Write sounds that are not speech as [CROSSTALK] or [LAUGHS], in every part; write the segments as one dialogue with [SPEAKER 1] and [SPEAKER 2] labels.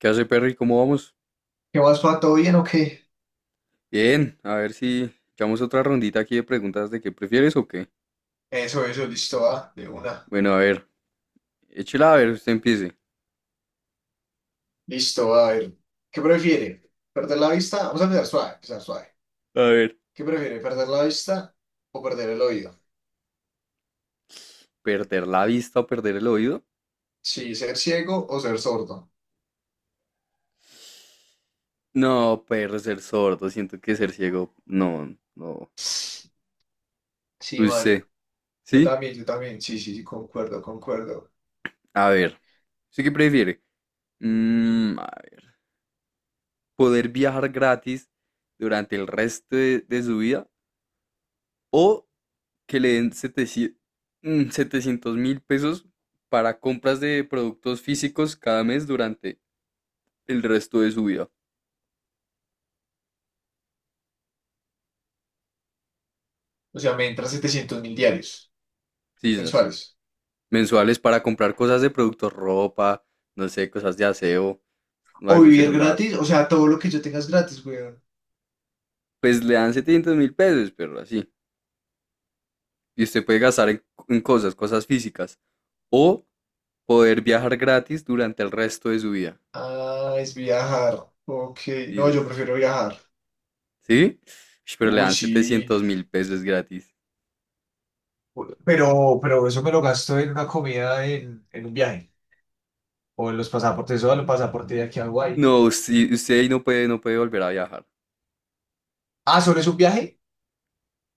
[SPEAKER 1] ¿Qué hace, Perry? ¿Cómo vamos?
[SPEAKER 2] ¿Qué más, pa? ¿Todo bien o qué?
[SPEAKER 1] Bien, a ver si echamos otra rondita aquí de preguntas de qué prefieres o qué.
[SPEAKER 2] Eso, listo, va, de una.
[SPEAKER 1] Bueno, a ver, échela a ver, usted empiece.
[SPEAKER 2] Listo, a ver. ¿Qué prefiere? ¿Perder la vista? Vamos a empezar suave, empezar suave.
[SPEAKER 1] A ver,
[SPEAKER 2] ¿Qué prefiere? ¿Perder la vista o perder el oído?
[SPEAKER 1] ¿perder la vista o perder el oído?
[SPEAKER 2] Sí, ser ciego o ser sordo.
[SPEAKER 1] No, perro, ser sordo, siento que ser ciego, no, no.
[SPEAKER 2] Sí, Mari.
[SPEAKER 1] Usted,
[SPEAKER 2] Yo
[SPEAKER 1] ¿sí?
[SPEAKER 2] también, yo también. Sí, sí, sí, concuerdo, concuerdo.
[SPEAKER 1] A ver, ¿usted qué prefiere? A ver, ¿poder viajar gratis durante el resto de su vida o que le den 700.000 pesos para compras de productos físicos cada mes durante el resto de su vida?
[SPEAKER 2] O sea, me entran 700.000 diarios
[SPEAKER 1] Sí, esas,
[SPEAKER 2] mensuales.
[SPEAKER 1] mensuales, para comprar cosas de productos, ropa, no sé, cosas de aseo,
[SPEAKER 2] O
[SPEAKER 1] algún
[SPEAKER 2] vivir
[SPEAKER 1] celular.
[SPEAKER 2] gratis, o sea, todo lo que yo tenga es gratis, weón.
[SPEAKER 1] Pues le dan 700.000 pesos, pero así. Y usted puede gastar en cosas, cosas físicas. O poder viajar gratis durante el resto de su vida.
[SPEAKER 2] Ah, es viajar. Ok,
[SPEAKER 1] Sí,
[SPEAKER 2] no, yo
[SPEAKER 1] esas.
[SPEAKER 2] prefiero viajar.
[SPEAKER 1] ¿Sí? Ush, pero le
[SPEAKER 2] Uy,
[SPEAKER 1] dan
[SPEAKER 2] sí.
[SPEAKER 1] 700.000 pesos gratis.
[SPEAKER 2] Pero eso me lo gasto en una comida en un viaje. O en los pasaportes, o en los pasaportes de aquí a Hawái.
[SPEAKER 1] No, sí, usted ahí no puede volver a viajar.
[SPEAKER 2] Ah, ¿solo es un viaje?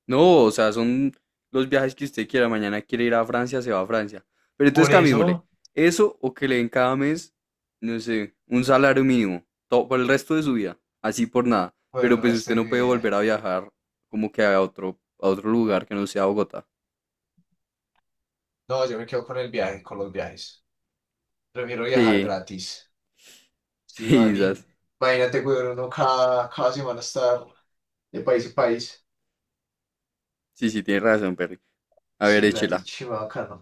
[SPEAKER 1] No, o sea, son los viajes que usted quiera. Mañana quiere ir a Francia, se va a Francia. Pero entonces
[SPEAKER 2] Por
[SPEAKER 1] cambiémosle.
[SPEAKER 2] eso,
[SPEAKER 1] Eso o que le den cada mes, no sé, un salario mínimo. Todo, por el resto de su vida. Así, por nada.
[SPEAKER 2] por
[SPEAKER 1] Pero
[SPEAKER 2] el
[SPEAKER 1] pues
[SPEAKER 2] resto
[SPEAKER 1] usted
[SPEAKER 2] de
[SPEAKER 1] no
[SPEAKER 2] mi
[SPEAKER 1] puede
[SPEAKER 2] vida.
[SPEAKER 1] volver a viajar como que a otro lugar que no sea Bogotá.
[SPEAKER 2] No, yo me quedo con el viaje, con los viajes. Prefiero viajar
[SPEAKER 1] Sí,
[SPEAKER 2] gratis.
[SPEAKER 1] sí,
[SPEAKER 2] Sí, mani.
[SPEAKER 1] quizás.
[SPEAKER 2] Imagínate, weón, uno cada semana estar de país a país.
[SPEAKER 1] Sí, sí, tiene razón, Perry. A ver,
[SPEAKER 2] Sí, gratis,
[SPEAKER 1] échela.
[SPEAKER 2] chima, bacano.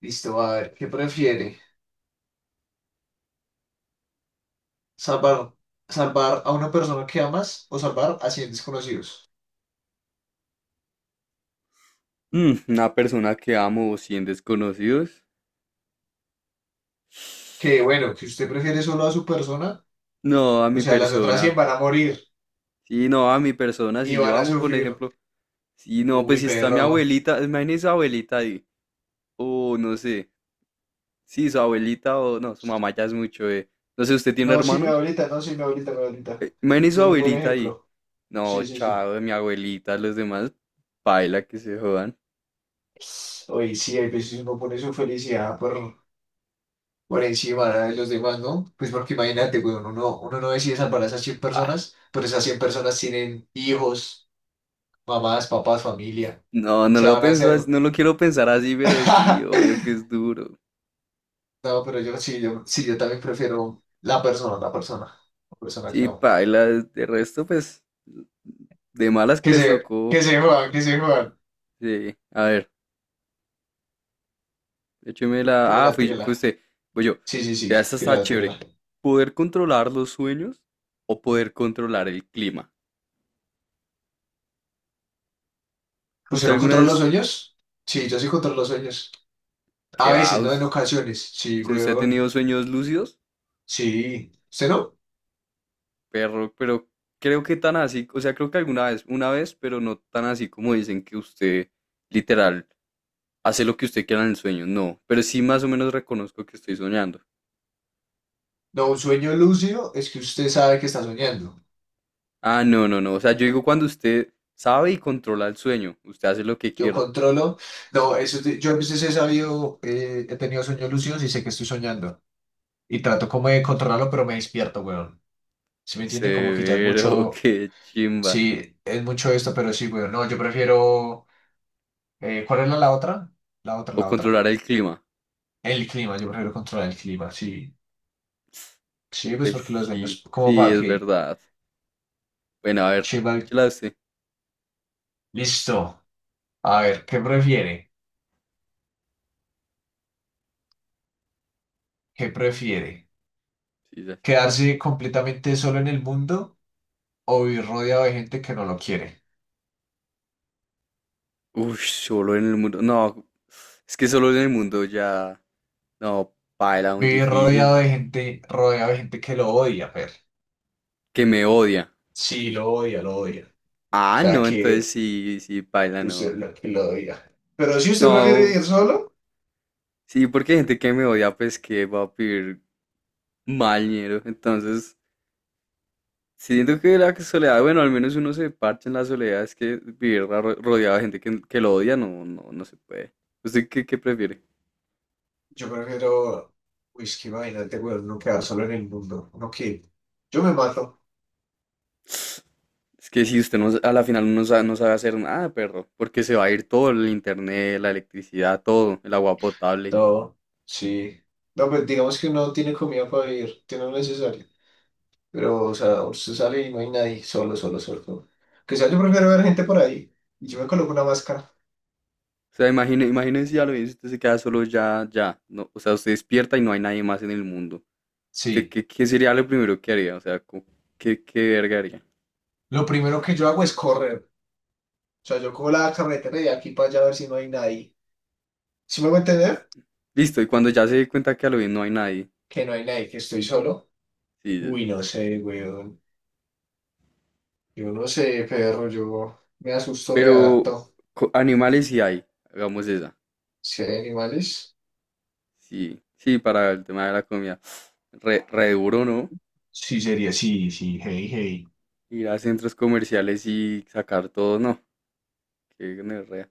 [SPEAKER 2] Listo, a ver, ¿qué prefiere? Salvar, salvar a una persona que amas o salvar a 100 desconocidos.
[SPEAKER 1] Una persona que amo o 100 desconocidos.
[SPEAKER 2] Que bueno, que usted prefiere solo a su persona,
[SPEAKER 1] No, a
[SPEAKER 2] o
[SPEAKER 1] mi
[SPEAKER 2] sea, las otras 100
[SPEAKER 1] persona.
[SPEAKER 2] van a morir
[SPEAKER 1] Sí, no, a mi persona.
[SPEAKER 2] y
[SPEAKER 1] Si yo
[SPEAKER 2] van a
[SPEAKER 1] amo, por
[SPEAKER 2] sufrir.
[SPEAKER 1] ejemplo. Sí, no, pues
[SPEAKER 2] Uy,
[SPEAKER 1] si está mi
[SPEAKER 2] perro.
[SPEAKER 1] abuelita, imagínese su abuelita ahí, o no sé, sí, su abuelita o no, su mamá ya es mucho, eh. No sé, ¿usted tiene
[SPEAKER 2] No, sí, mi
[SPEAKER 1] hermanos?
[SPEAKER 2] abuelita, no, sí, mi abuelita, mi abuelita.
[SPEAKER 1] Imagínese su
[SPEAKER 2] Ese es un buen
[SPEAKER 1] abuelita ahí.
[SPEAKER 2] ejemplo.
[SPEAKER 1] No,
[SPEAKER 2] Sí, sí, sí.
[SPEAKER 1] chao, mi abuelita, los demás, paila que se jodan.
[SPEAKER 2] Oye, sí, hay veces uno pone su felicidad por encima de los demás, ¿no? Pues porque imagínate, güey, uno no decide salvar a esas 100
[SPEAKER 1] Ah,
[SPEAKER 2] personas, pero esas 100 personas tienen hijos, mamás, papás, familia
[SPEAKER 1] no, no
[SPEAKER 2] se
[SPEAKER 1] lo
[SPEAKER 2] van a
[SPEAKER 1] pienso,
[SPEAKER 2] hacer
[SPEAKER 1] no lo quiero pensar así, pero sí, obvio que
[SPEAKER 2] [LAUGHS]
[SPEAKER 1] es duro.
[SPEAKER 2] No, pero yo sí, yo sí, yo también prefiero la persona, la persona, la persona que
[SPEAKER 1] Sí,
[SPEAKER 2] amo.
[SPEAKER 1] paila, de resto, pues, de malas que
[SPEAKER 2] Que
[SPEAKER 1] les
[SPEAKER 2] se,
[SPEAKER 1] tocó.
[SPEAKER 2] que se jodan, que se jodan.
[SPEAKER 1] Sí, a ver. Écheme la. Ah,
[SPEAKER 2] Tírala,
[SPEAKER 1] fue
[SPEAKER 2] tírala.
[SPEAKER 1] usted. Voy yo.
[SPEAKER 2] Sí, sí, sí,
[SPEAKER 1] Vea, esta está
[SPEAKER 2] tírala, tírala.
[SPEAKER 1] chévere. ¿Poder controlar los sueños o poder controlar el clima?
[SPEAKER 2] ¿Usted
[SPEAKER 1] ¿Usted
[SPEAKER 2] no
[SPEAKER 1] alguna
[SPEAKER 2] controla los
[SPEAKER 1] vez,
[SPEAKER 2] sueños? Sí, yo sí controlo los sueños. A
[SPEAKER 1] qué va?
[SPEAKER 2] veces, no en
[SPEAKER 1] Us-
[SPEAKER 2] ocasiones. Sí,
[SPEAKER 1] si ¿Usted ha
[SPEAKER 2] weón.
[SPEAKER 1] tenido sueños lúcidos?
[SPEAKER 2] Sí. ¿Usted no?
[SPEAKER 1] Perro, pero creo que tan así, o sea, creo que alguna vez, una vez, pero no tan así como dicen que usted literal hace lo que usted quiera en el sueño. No, pero sí más o menos reconozco que estoy soñando.
[SPEAKER 2] No, un sueño lúcido es que usted sabe que está soñando.
[SPEAKER 1] Ah, no, no, no. O sea, yo digo cuando usted sabe y controla el sueño, usted hace lo que
[SPEAKER 2] Yo
[SPEAKER 1] quiera.
[SPEAKER 2] controlo. No, yo a veces he sabido, he tenido sueños lúcidos y sé que estoy soñando. Y trato como de controlarlo, pero me despierto, weón. ¿Si me entiende? Como que ya es
[SPEAKER 1] Severo,
[SPEAKER 2] mucho,
[SPEAKER 1] qué chimba.
[SPEAKER 2] sí, es mucho esto, pero sí, güey, no, yo prefiero, ¿cuál era la otra? La otra,
[SPEAKER 1] O
[SPEAKER 2] la otra.
[SPEAKER 1] controlar el clima.
[SPEAKER 2] El clima, yo prefiero controlar el clima, sí. Sí, pues
[SPEAKER 1] Pues
[SPEAKER 2] porque los
[SPEAKER 1] sí,
[SPEAKER 2] daños, como
[SPEAKER 1] sí,
[SPEAKER 2] para
[SPEAKER 1] es
[SPEAKER 2] que,
[SPEAKER 1] verdad. Bueno, a ver,
[SPEAKER 2] Chival,
[SPEAKER 1] échala usted.
[SPEAKER 2] listo. A ver, ¿qué prefiere? ¿Qué prefiere?
[SPEAKER 1] Sí, ya.
[SPEAKER 2] ¿Quedarse completamente solo en el mundo o vivir rodeado de gente que no lo quiere?
[SPEAKER 1] Uy, solo en el mundo. No, es que solo en el mundo ya. No, paila, muy
[SPEAKER 2] Vivir
[SPEAKER 1] difícil.
[SPEAKER 2] rodeado de gente que lo odia, Fer.
[SPEAKER 1] Que me odia.
[SPEAKER 2] Sí, lo odia, lo odia. O
[SPEAKER 1] Ah,
[SPEAKER 2] sea,
[SPEAKER 1] no, entonces
[SPEAKER 2] que
[SPEAKER 1] sí, sí, paila,
[SPEAKER 2] que
[SPEAKER 1] no.
[SPEAKER 2] usted lo, que lo diga. Pero si usted prefiere
[SPEAKER 1] No,
[SPEAKER 2] ir solo,
[SPEAKER 1] sí, porque hay gente que me odia, pues que va a pedir mal dinero. Entonces. Siento que la soledad, bueno, al menos uno se parcha en la soledad, es que vivir rodeado de gente que lo odia, no, no, no se puede. ¿Usted qué prefiere?
[SPEAKER 2] yo prefiero, uy, es que imagínate, weón, no quedar solo en el mundo. Yo me mato.
[SPEAKER 1] Es que si usted no, a la final no sabe, no sabe hacer nada, perro, porque se va a ir todo, el internet, la electricidad, todo, el agua potable.
[SPEAKER 2] No, sí. No, pues digamos que no tiene comida para vivir, tiene lo necesario. Pero, o sea, usted sale y no hay nadie, solo, solo, solo. Que sea, yo prefiero ver gente por ahí. Y yo me coloco una máscara.
[SPEAKER 1] O sea, imagínense ya lo bien, si usted se queda solo ya, ya, no, o sea, usted despierta y no hay nadie más en el mundo. ¿Usted
[SPEAKER 2] Sí.
[SPEAKER 1] qué sería lo primero que haría? O sea, ¿qué verga haría?
[SPEAKER 2] Lo primero que yo hago es correr. O sea, yo cojo la carretera de aquí para allá a ver si no hay nadie. ¿Si me voy a entender?
[SPEAKER 1] Listo, y cuando ya se dé cuenta que a lo bien no hay nadie,
[SPEAKER 2] Que no hay nadie, que estoy solo.
[SPEAKER 1] sí,
[SPEAKER 2] Uy, no sé, güey. Yo no sé, perro, yo me asusto
[SPEAKER 1] pero
[SPEAKER 2] reacto.
[SPEAKER 1] animales sí hay, hagamos esa.
[SPEAKER 2] Si hay animales.
[SPEAKER 1] Sí, sí, para el tema de la comida. Re, re duro, ¿no?
[SPEAKER 2] Sí, sería, sí, sí, hey, hey.
[SPEAKER 1] Ir a centros comerciales y sacar todo, no. Qué gonorrea.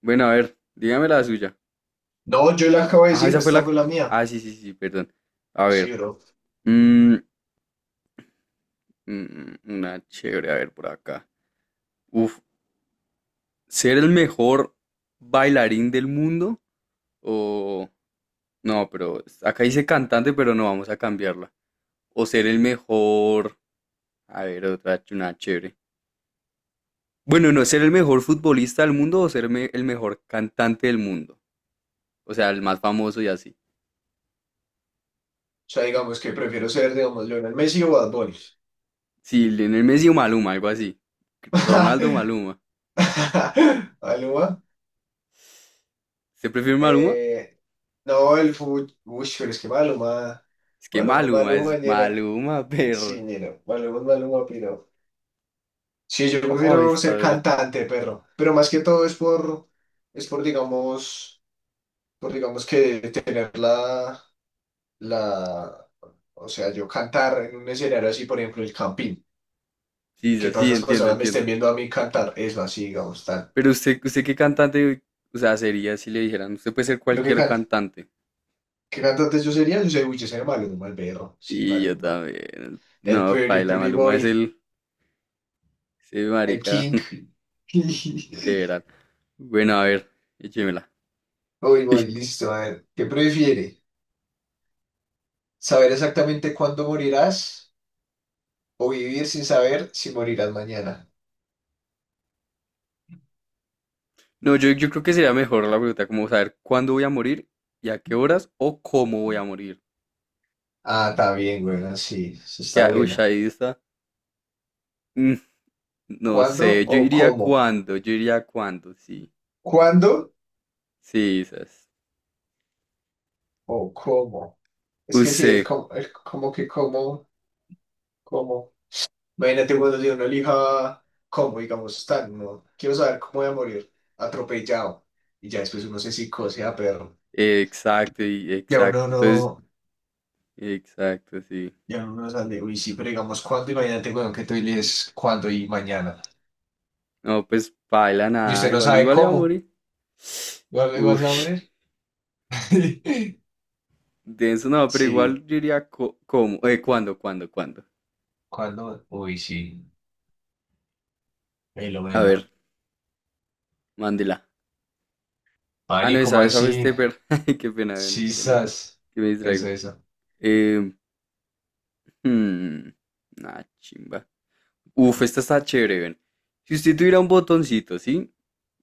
[SPEAKER 1] Bueno, a ver, dígame la suya.
[SPEAKER 2] No, yo le acabo de
[SPEAKER 1] Ah,
[SPEAKER 2] decir,
[SPEAKER 1] esa fue
[SPEAKER 2] esta
[SPEAKER 1] la.
[SPEAKER 2] fue la mía.
[SPEAKER 1] Ah, sí, sí, sí, perdón. A
[SPEAKER 2] Sí,
[SPEAKER 1] ver.
[SPEAKER 2] bro. O
[SPEAKER 1] mm, mm, una chévere, a ver, por acá. Uf, ¿ser el mejor bailarín del mundo? O... No, pero acá dice cantante, pero no vamos a cambiarla. O ser el mejor. A ver, otra una chévere. Bueno, no, ser el mejor futbolista del mundo o ser el mejor cantante del mundo. O sea, el más famoso y así.
[SPEAKER 2] sea, digamos que prefiero ser, digamos, Lionel Messi o Bad Bunny.
[SPEAKER 1] Sí, Lionel Messi o Maluma, algo así. Ronaldo o Maluma.
[SPEAKER 2] [LAUGHS] Maluma.
[SPEAKER 1] ¿Usted prefiere Maluma?
[SPEAKER 2] Eh, no, el fútbol. Uy, pero es que Maluma.
[SPEAKER 1] Es que
[SPEAKER 2] Maluma,
[SPEAKER 1] Maluma es
[SPEAKER 2] Maluma, ñera.
[SPEAKER 1] Maluma, [LAUGHS]
[SPEAKER 2] Sí,
[SPEAKER 1] perro.
[SPEAKER 2] ñera. Maluma, Maluma, pero. Sí, yo
[SPEAKER 1] Oh,
[SPEAKER 2] prefiero
[SPEAKER 1] está
[SPEAKER 2] ser
[SPEAKER 1] dura.
[SPEAKER 2] cantante, perro. Pero más que todo es por. Es por, digamos. Pues digamos que tener la, o sea, yo cantar en un escenario así, por ejemplo, el Campín, y
[SPEAKER 1] Sí,
[SPEAKER 2] que
[SPEAKER 1] sí,
[SPEAKER 2] todas
[SPEAKER 1] sí,
[SPEAKER 2] esas
[SPEAKER 1] entiendo,
[SPEAKER 2] personas me estén
[SPEAKER 1] entiendo.
[SPEAKER 2] viendo a mí cantar, eso así, digamos, tal.
[SPEAKER 1] Pero usted qué cantante, o sea, sería si le dijeran, usted puede ser
[SPEAKER 2] ¿Yo qué
[SPEAKER 1] cualquier
[SPEAKER 2] canto?
[SPEAKER 1] cantante.
[SPEAKER 2] ¿Qué cantante yo sería? Yo soy Maluma, el perro, sí,
[SPEAKER 1] Sí, yo
[SPEAKER 2] Maluma.
[SPEAKER 1] también.
[SPEAKER 2] El
[SPEAKER 1] No,
[SPEAKER 2] Pretty
[SPEAKER 1] paila,
[SPEAKER 2] Pretty
[SPEAKER 1] Maluma es
[SPEAKER 2] Boy,
[SPEAKER 1] el, ese
[SPEAKER 2] el
[SPEAKER 1] marica,
[SPEAKER 2] King.
[SPEAKER 1] [LAUGHS]
[SPEAKER 2] [LAUGHS]
[SPEAKER 1] de verdad. Bueno, a ver, échemela.
[SPEAKER 2] Uy,
[SPEAKER 1] [LAUGHS] Uy,
[SPEAKER 2] voy, listo, a ver, ¿qué prefiere? ¿Saber exactamente cuándo morirás o vivir sin saber si morirás mañana?
[SPEAKER 1] no, yo creo que sería mejor la pregunta como saber cuándo voy a morir y a qué horas o cómo voy a morir.
[SPEAKER 2] Ah, está bien, bueno, sí, eso
[SPEAKER 1] Que,
[SPEAKER 2] está
[SPEAKER 1] uy,
[SPEAKER 2] buena.
[SPEAKER 1] ahí está. Mm, no
[SPEAKER 2] ¿Cuándo
[SPEAKER 1] sé,
[SPEAKER 2] o cómo?
[SPEAKER 1] yo iría cuándo, sí.
[SPEAKER 2] ¿Cuándo
[SPEAKER 1] Sí, esas.
[SPEAKER 2] o cómo? Es que sí,
[SPEAKER 1] Usted,
[SPEAKER 2] el como que cómo, cómo. Imagínate cuando si uno elija cómo, digamos, tan, no, quiero saber cómo voy a morir, atropellado. Y ya después uno se psicose a perro.
[SPEAKER 1] exacto,
[SPEAKER 2] Ya
[SPEAKER 1] exacto.
[SPEAKER 2] uno
[SPEAKER 1] Entonces,
[SPEAKER 2] no,
[SPEAKER 1] exacto, sí.
[SPEAKER 2] ya uno no sale. Uy, sí, pero digamos, ¿cuándo? Imagínate, weón, que tú eliges cuándo y mañana.
[SPEAKER 1] No, pues baila
[SPEAKER 2] Y
[SPEAKER 1] nada,
[SPEAKER 2] usted no
[SPEAKER 1] igual,
[SPEAKER 2] sabe
[SPEAKER 1] igual iba a
[SPEAKER 2] cómo.
[SPEAKER 1] morir. [SIGHS]
[SPEAKER 2] ¿Vas
[SPEAKER 1] Uy,
[SPEAKER 2] vas a morir? [LAUGHS]
[SPEAKER 1] denso, no, pero
[SPEAKER 2] Sí.
[SPEAKER 1] igual yo iría cómo, cuándo, cuándo, cuándo.
[SPEAKER 2] ¿Cuándo? Uy, sí. Velo,
[SPEAKER 1] A
[SPEAKER 2] velo.
[SPEAKER 1] ver, mándela. Ah, no,
[SPEAKER 2] Mani, ¿cómo
[SPEAKER 1] esa fue
[SPEAKER 2] así?
[SPEAKER 1] Stepper. [LAUGHS] Ay, qué pena, ven, qué pena
[SPEAKER 2] Sisas.
[SPEAKER 1] que me distraigo.
[SPEAKER 2] Eso, eso.
[SPEAKER 1] Eh, hmm, nah, chimba. Uf, esta está chévere, ven. Si usted tuviera un botoncito, ¿sí?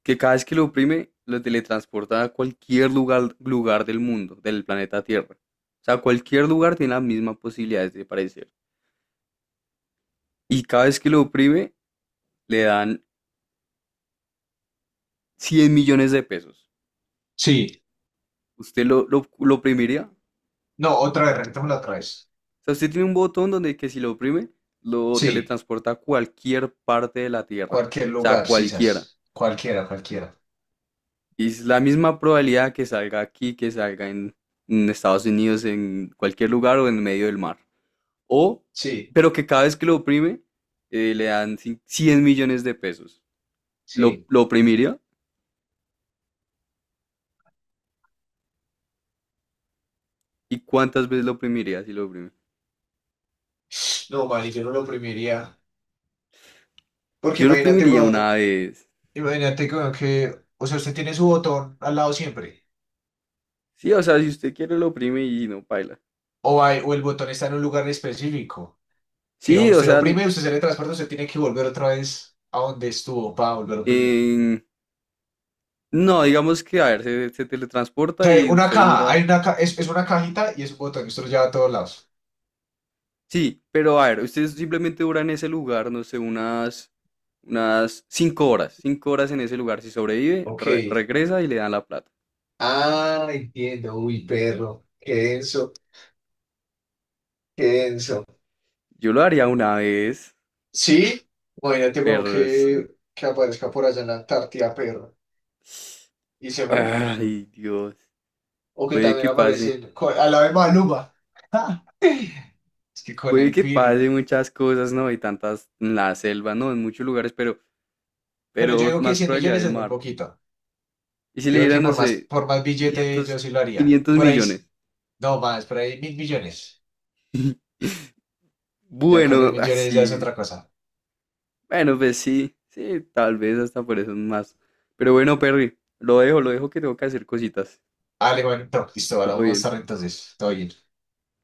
[SPEAKER 1] Que cada vez que lo oprime, lo teletransporta a cualquier lugar, lugar del mundo, del planeta Tierra. O sea, cualquier lugar tiene las mismas posibilidades de aparecer. Y cada vez que lo oprime, le dan 100 millones de pesos.
[SPEAKER 2] Sí.
[SPEAKER 1] ¿Usted lo oprimiría?
[SPEAKER 2] No, otra vez, rentémosla otra vez.
[SPEAKER 1] O sea, usted tiene un botón donde que si lo oprime, lo
[SPEAKER 2] Sí,
[SPEAKER 1] teletransporta a cualquier parte de la Tierra.
[SPEAKER 2] cualquier
[SPEAKER 1] O sea,
[SPEAKER 2] lugar,
[SPEAKER 1] cualquiera.
[SPEAKER 2] sisas. Cualquiera, cualquiera.
[SPEAKER 1] Y es la misma probabilidad que salga aquí, que salga en Estados Unidos, en cualquier lugar o en medio del mar. O,
[SPEAKER 2] Sí,
[SPEAKER 1] pero que cada vez que lo oprime, le dan 100 millones de pesos. ¿Lo,
[SPEAKER 2] sí.
[SPEAKER 1] lo oprimiría? ¿Y cuántas veces lo oprimiría si lo oprime?
[SPEAKER 2] No, man, yo no lo oprimiría. Porque
[SPEAKER 1] Yo lo oprimiría una vez.
[SPEAKER 2] imagínate weón, que, o sea, usted tiene su botón al lado siempre.
[SPEAKER 1] Sí, o sea, si usted quiere lo oprime y no paila.
[SPEAKER 2] O, o el botón está en un lugar específico. Que
[SPEAKER 1] Sí,
[SPEAKER 2] digamos,
[SPEAKER 1] o
[SPEAKER 2] usted lo
[SPEAKER 1] sea,
[SPEAKER 2] oprime, usted se le transporta, usted tiene que volver otra vez a donde estuvo para volver a oprimir.
[SPEAKER 1] en No, digamos que, a ver, se
[SPEAKER 2] O
[SPEAKER 1] teletransporta
[SPEAKER 2] sea, hay
[SPEAKER 1] y
[SPEAKER 2] una
[SPEAKER 1] usted
[SPEAKER 2] caja,
[SPEAKER 1] dura.
[SPEAKER 2] es una cajita y es un botón, usted lo lleva a todos lados.
[SPEAKER 1] Sí, pero a ver, usted simplemente dura en ese lugar, no sé, unas 5 horas. 5 horas en ese lugar. Si sobrevive,
[SPEAKER 2] Ok.
[SPEAKER 1] regresa y le dan la plata.
[SPEAKER 2] Ah, entiendo. Uy, perro. Qué denso. Qué denso.
[SPEAKER 1] Yo lo haría una vez,
[SPEAKER 2] Sí, imagínate como
[SPEAKER 1] pero.
[SPEAKER 2] que aparezca por allá en la Antártida, perro, y se muere.
[SPEAKER 1] Ay, Dios.
[SPEAKER 2] O que
[SPEAKER 1] Puede
[SPEAKER 2] también
[SPEAKER 1] que pase.
[SPEAKER 2] aparecen a la vez Maluma. [LAUGHS] Es que con
[SPEAKER 1] Puede
[SPEAKER 2] el
[SPEAKER 1] que
[SPEAKER 2] Piri.
[SPEAKER 1] pase muchas cosas, ¿no? Y tantas en la selva, ¿no? En muchos lugares,
[SPEAKER 2] Pero yo
[SPEAKER 1] pero
[SPEAKER 2] digo que
[SPEAKER 1] más
[SPEAKER 2] cien
[SPEAKER 1] probabilidad
[SPEAKER 2] millones
[SPEAKER 1] del
[SPEAKER 2] es muy
[SPEAKER 1] mar.
[SPEAKER 2] poquito.
[SPEAKER 1] Y si le
[SPEAKER 2] Yo digo que
[SPEAKER 1] dieran, no
[SPEAKER 2] por más,
[SPEAKER 1] sé,
[SPEAKER 2] por más billete yo
[SPEAKER 1] 500
[SPEAKER 2] sí lo haría.
[SPEAKER 1] 500
[SPEAKER 2] Por ahí,
[SPEAKER 1] millones.
[SPEAKER 2] no más, por ahí 1.000.000.000.
[SPEAKER 1] [LAUGHS]
[SPEAKER 2] Ya con mil
[SPEAKER 1] Bueno,
[SPEAKER 2] millones ya es otra
[SPEAKER 1] así.
[SPEAKER 2] cosa.
[SPEAKER 1] Bueno, pues sí, sí, tal vez hasta por eso más. Pero bueno, Perry, lo dejo que tengo que hacer cositas.
[SPEAKER 2] Vale, bueno, no, listo, vale,
[SPEAKER 1] Todo
[SPEAKER 2] vamos a
[SPEAKER 1] bien.
[SPEAKER 2] estar entonces. Todo bien.